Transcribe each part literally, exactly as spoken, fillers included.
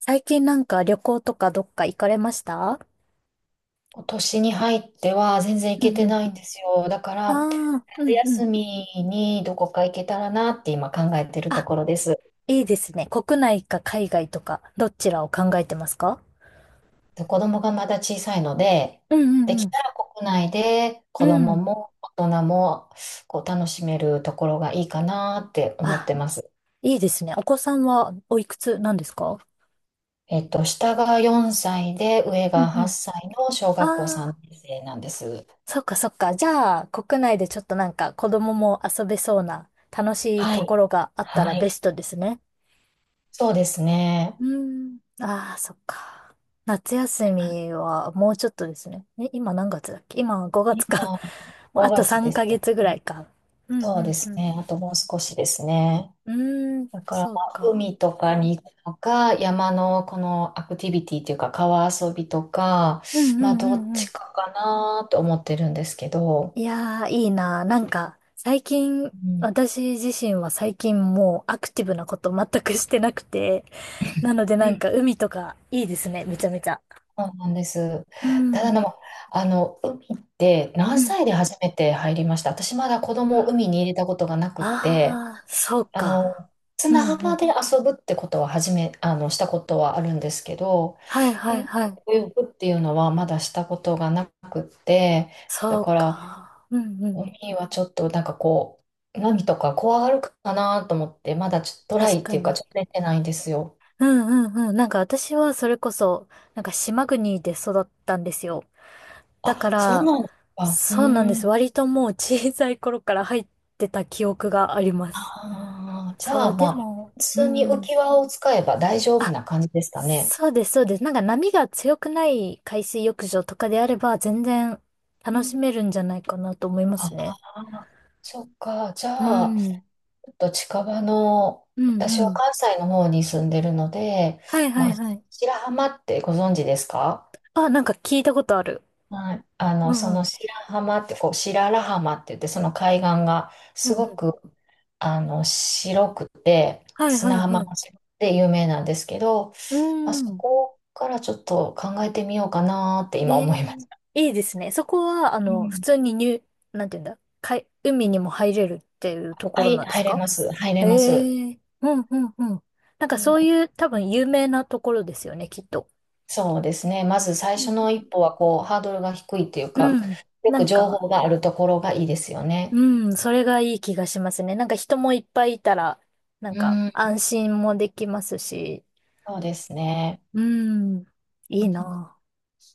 最近なんか旅行とかどっか行かれました？今年に入っては全然行うけんうてん。ないんですよ。だかあら、あ、う夏んう休ん。みにどこか行けたらなって今考えてるとあ、ころです。いいですね。国内か海外とか、どちらを考えてますか？で子供がまだ小さいので、うでんうきんたら国内でう子ん。う供ん。も大人もこう楽しめるところがいいかなって思ってあ、ます。いいですね。お子さんはおいくつなんですか？えっと、下がよんさいで上うがんう8ん。歳の小あ学校3あ、年生なんです。そっかそっか。じゃあ、国内でちょっとなんか子供も遊べそうな楽しいはとい。ころがあったらはベい。ストですね。そうですね。うん。ああ、そっか。夏休みはもうちょっとですね。え、今何月だっけ、今ごがつ今か。もうあ5と月3ですヶよ月ぐらね？いか。うそうでんうすんね。あともう少しですね。うん。うーん、だから、そまうあか。海とかに行くのか、山のこのアクティビティというか、川遊びとか、うんうまあ、んうどっんうちん。かかなと思ってるんですけど、いやー、いいな。なんか、最近、うん、私自身は最近もうアクティブなこと全くしてなくて、なのでうなんん、か海とかいいですね、めちゃめちゃ。そうなんです。うただん、でも、あの、海って何うん。歳で初めて入りました？私まだ子供を海に入れたことがなくって、ああ、そうあか。の、う砂んう浜ん。で遊ぶってことは初め、あの、したことはあるんですけど、はいはい海ではい。泳ぐっていうのはまだしたことがなくって、だそうからか。うんうん。海はちょっとなんかこう、波とか怖がるかなと思って、まだちょっとトラ確イっかていうか、ちに。ょっと出てないんですよ。うんうんうん。なんか私はそれこそ、なんか島国で育ったんですよ。だかあ、そうら、なんですか。うそうなんでーす。ん。割ともう小さい頃から入ってた記憶がありまあす。あ、じゃそあう、まであ、も、普う通に浮ん。き輪を使えば大丈夫あ、な感じですかね？そうです、そうです。なんか波が強くない海水浴場とかであれば、全然う楽ん、しめるんじゃないかなと思いまあすね。あ、そっか。じうゃあ、ん。と近場の、う私んはうん。関西の方に住んでるので、はいはまあ、いはい。白浜ってご存知ですか？あ、なんか聞いたことある。はい。あうの、そんうのん。白浜って、こう、白良浜って言って、その海岸がうすんうごん、く、あの、白くて、はいは砂い浜はい。が白くて有名なんですけど、うーまあ、そん。こからちょっと考えてみようかなって今え思いまえ、す。いいですね。そこは、あうの、普ん。通に入、なんていうんだ、海、海にも入れるっていうとこはろい、なんです入れか？ます。入れます。ええ、うんうんうん。なんかそういう多分有名なところですよね、きっと。そうですね。まず最う初んの一歩は、こう、ハードルが低いっていううんうか、んうん。よなくん情か、報があるところがいいですよね。うん、それがいい気がしますね。なんか人もいっぱいいたら、なんうかん、安心もできますし、そうですね。うん、ういいん。 な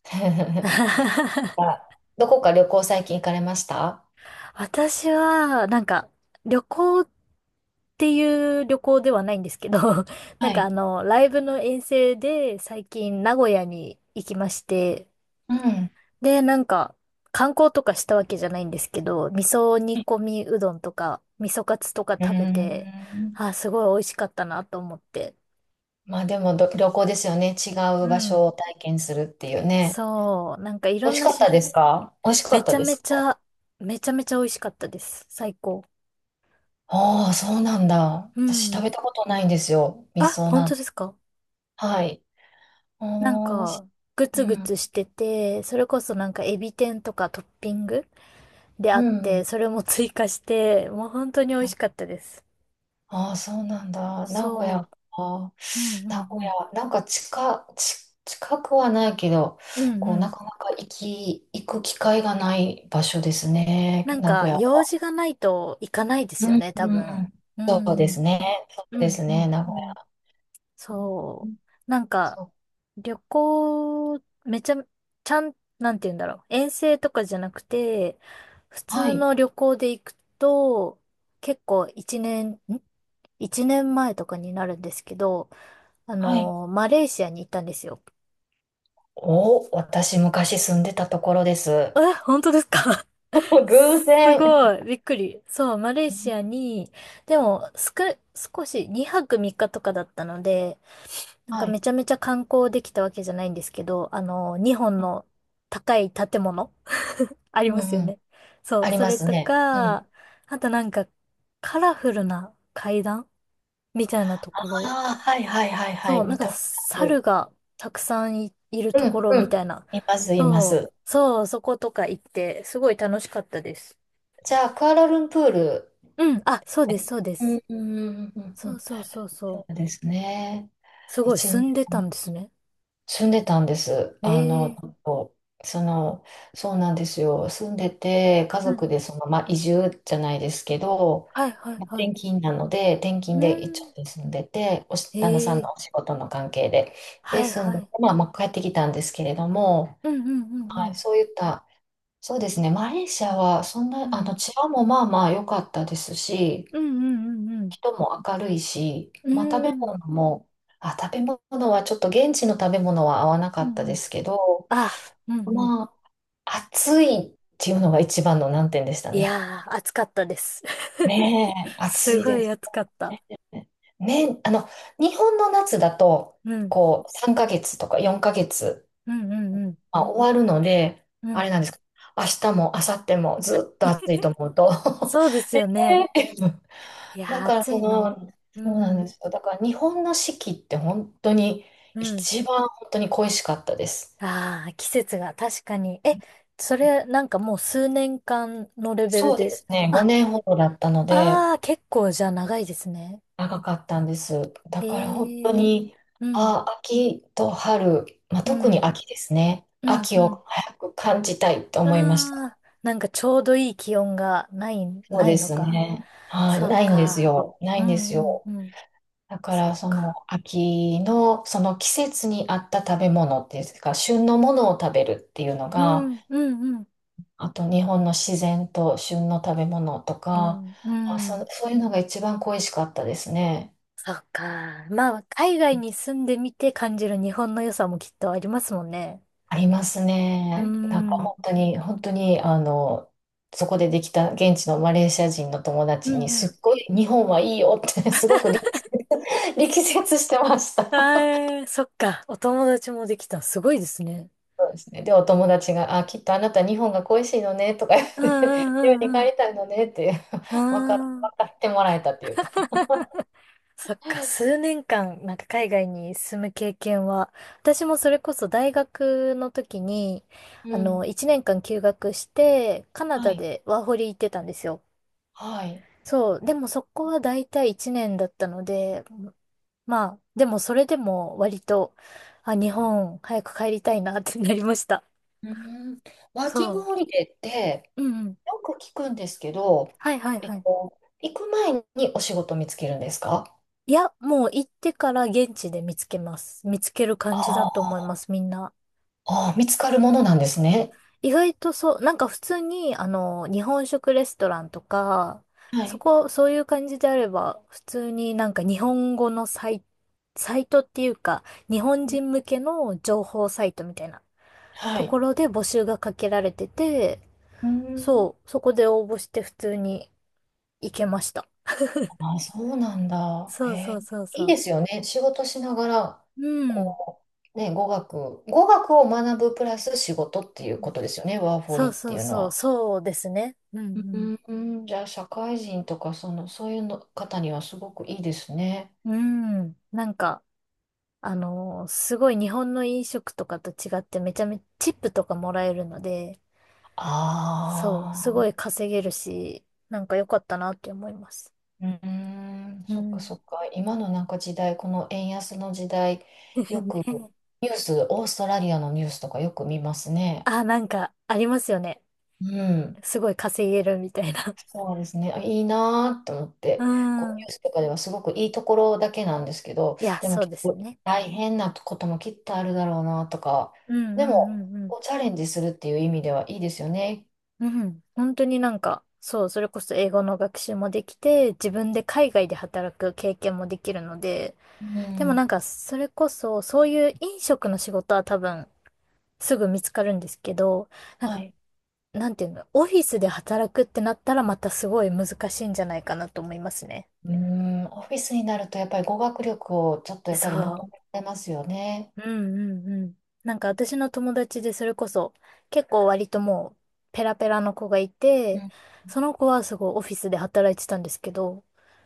ぁ。あ、どこか旅行最近行かれました？私は、なんか、旅行っていう旅行ではないんですけど、なはんかあい。の、ライブの遠征で最近名古屋に行きまして、うん。で、なんか、観光とかしたわけじゃないんですけど、味噌煮込みうどんとか、味噌カツとかう食べて、ん。あ、すごい美味しかったなと思って。まあでもど旅行ですよね。違うう場所ん。を体験するっていうね。そう、なんかい美ろ味んしなかっ種た類、ですか？美味しかめっちたゃでめすちか？ゃ、めちゃめちゃ美味しかったです。最高。ああ、そうなんだ。う私食ん。べたことないんですよ。味あ、噌本な当ん。ですか？はい。なんああ、し、か、グうツグん。ツしてて、それこそなんかエビ天とかトッピングでうあっん。て、それも追加して、もう本当に美は味い、しかったです。ああ、そうなんだ。名古屋そか。う。うんう名ん古うん。屋、なんか近、ち、近くはないけど、うんうこう、なん。かなか行き、行く機会がない場所ですね、なん名か、古屋用は。事がないと行かないでうすよん、ね、多う分。ん。うそうでんうん。すね。そううでんすうね、ん名う古ん。屋。うん、そう。なんか、そう。旅行、めちゃ、ちゃん、なんて言うんだろう。遠征とかじゃなくて、普は通い、の旅行で行くと、結構一年、ん一年前とかになるんですけど、あはい。のーマレーシアに行ったんですよ。お、私昔住んでたところです。え、本当ですか？ 偶す然。ごい、びっくり。そう、マレーシアに、でも、すく、少しにはくみっかとかだったので、なんかはい。めちゃめちゃ観光できたわけじゃないんですけど、あの、にほんの高い建物 ありうん、ますようん。ね。そあう、りそまれすとね。うん。か、あとなんかカラフルな階段みたいなとあころ。あ、はい、はい、はい、はそい。う、なん見かたことあ猿る。がたくさんい、いるとうこん、ろうみたん。いな。います、いまそす。う、そう、そことか行って、すごい楽しかったです。じゃあ、クアラルンプール。うん、あ、そうです、そうでうす。ん、うん、うんうんうそうん、そうそうそう。そうですね。すごい、一住年んでたん前ですね。住んでたんです。えあの、ちょっえ、とその、そうなんですよ。住んでて、家うん。族でその、まあ、移住じゃないですけど、はいはいまあはい。転勤なので、転う勤で一ん。応住んでて、おし、旦那さんえのお仕え、事の関係で、で、はい住んはでて、い。まあ、まあ、帰ってきたんですけれども、うんうんうんうはい、ん。そういった、そうですね。マレーシアは、そんうな、あん。の、治安もまあまあ良かったですし、うんうんうん人も明るいし、うまあ食ん。べうー物ん。も、あ、食べ物はちょっと現地の食べ物は合わなうかんったうでん。すけど、あ、うんうん。まあ、暑いっていうのが一番の難点でしたいね。やー、暑かったです。ねえ、暑すいごでいす暑かった。ね。ね、あの、日本の夏だと、うん。こう、さんかげつとかよんかげつ、うんうんうん。まあ、終わるので、うあれん。なんですけど、明日も明後日もずっと暑いと 思うと。 そうですよね。いやだー、から暑そいの。の、うそうなんでん。すよ。だから日本の四季って本当にうん。一番本当に恋しかったです。ああ、季節が確かに。え、それ、なんかもう数年間のレベルそうでで。すね、あ、ごねんほどだったのでああ、結構じゃあ長いですね。長かったんです。だから本当へえ。に、うん。あ、秋と春、まあ、う特にん。秋ですね。うん。秋うん。を早く感じたいとあ思いました。あ、なんかちょうどいい気温がない、そうないでのすか。ね。はい、そうないんですか。よ。なういんですんうんよ。うん。だかそらうそのか。秋のその季節に合った食べ物っていうか旬のものを食べるっていうのうが、んうんうん。あと日本の自然と旬の食べ物とうか、んうあ、ん。そ、そういうのが一番恋しかったですね。そうか。まあ、海外に住んでみて感じる日本の良さもきっとありますもんね。ありますうね。なんかん。うん本当に、本当に、あの、そこでできた現地のマレーシア人の友う達に、ん。すっごい日本はいいよって すごく力説、力説してました。ああ、そっか。お友達もできた。すごいですね。そうですね。で、お友達が、あ、きっとあなた日本が恋しいのねとか言っうんて、う日本にん帰うんりたいのねって、う 分か、ん。うん。分かってもらえたっていうか。そっか、数年間、なんか海外に住む経験は、私もそれこそ大学の時に、うあの、ん。いちねんかん休学して、カナはダい。でワーホリ行ってたんですよ。はい。そう、でもそこは大体いちねんだったので、まあ、でもそれでも割と、あ、日本早く帰りたいなってなりました。うん、ワーキングそホリデーってう。うんうん。よく聞くんですけど、はいはいえはっい。と、行く前にお仕事見つけるんですか？いや、もう行ってから現地で見つけます。見つけるあ感じだとあ、思います、みんな。ああ見つかるものなんですね。意外とそう、なんか普通に、あの、日本食レストランとか、はそい。こ、そういう感じであれば、普通になんか日本語のサイ、サイトっていうか、日本うん、人向けの情報サイトみたいなはとい。ころで募集がかけられてて、うん。そう、そこで応募して普通に行けました。ああ、そうなんだ。へそうそうえ、そうそいいでう。すよね。仕事しながら、うん。こう、ね、語学、語学を学ぶプラス仕事っていうことですよね。ワーホそリうっそてういうのそう、は。そうですね。ううんん、うん、じゃあ、社会人とか、その、そういうの方にはすごくいいですね。うん。うん。なんか、あの、すごい日本の飲食とかと違ってめちゃめちゃチップとかもらえるので、そう、あすごいあ、稼げるし、なんか良かったなって思います。うーん、うそっかん。そっか。今のなんか時代、この円安の時代、よく ねニュース、オーストラリアのニュースとかよく見ますね。あ、なんかありますよね。うん。すごい稼げるみたいな。そうですね。あいいなーって思っうて、こうニん。ュースとかではすごくいいところだけなんですけど、いや、でもそう結ですよ構ね。大変なこともきっとあるだろうなとか、うんうでんもうんうん。こうチャレンジするっていう意味ではいいですよね。うん。本当になんか、そう、それこそ英語の学習もできて、自分で海外で働く経験もできるので、うでもん。なんか、それこそ、そういう飲食の仕事は多分、すぐ見つかるんですけど、なんはか、い。なんていうの、オフィスで働くってなったらまたすごい難しいんじゃないかなと思いますね。うーん、オフィスになるとやっぱり語学力をちょっとやっぱり求そめられますよね。う。うんうんうん。なんか私の友達でそれこそ結構割ともうペラペラの子がいうて、ん、その子はすごいオフィスで働いてたんですけど、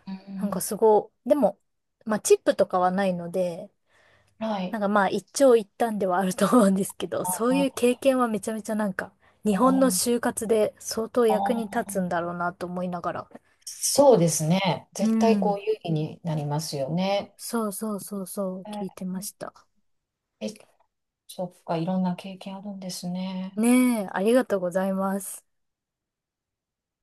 うなんかん、すごい、でも、まあチップとかはないので、はい。なんかまあ一長一短ではあると思うんですけど、あそういあ、う経験はめちゃめちゃなんか、日本の就あ活で相当あ、役に立つんだろうなと思いながら。そうですね。う絶対こん。う有利になりますよね。そうそうそうそう、え聞いてましーた。え、そっか、いろんな経験あるんですね。ねえ、ありがとうございます。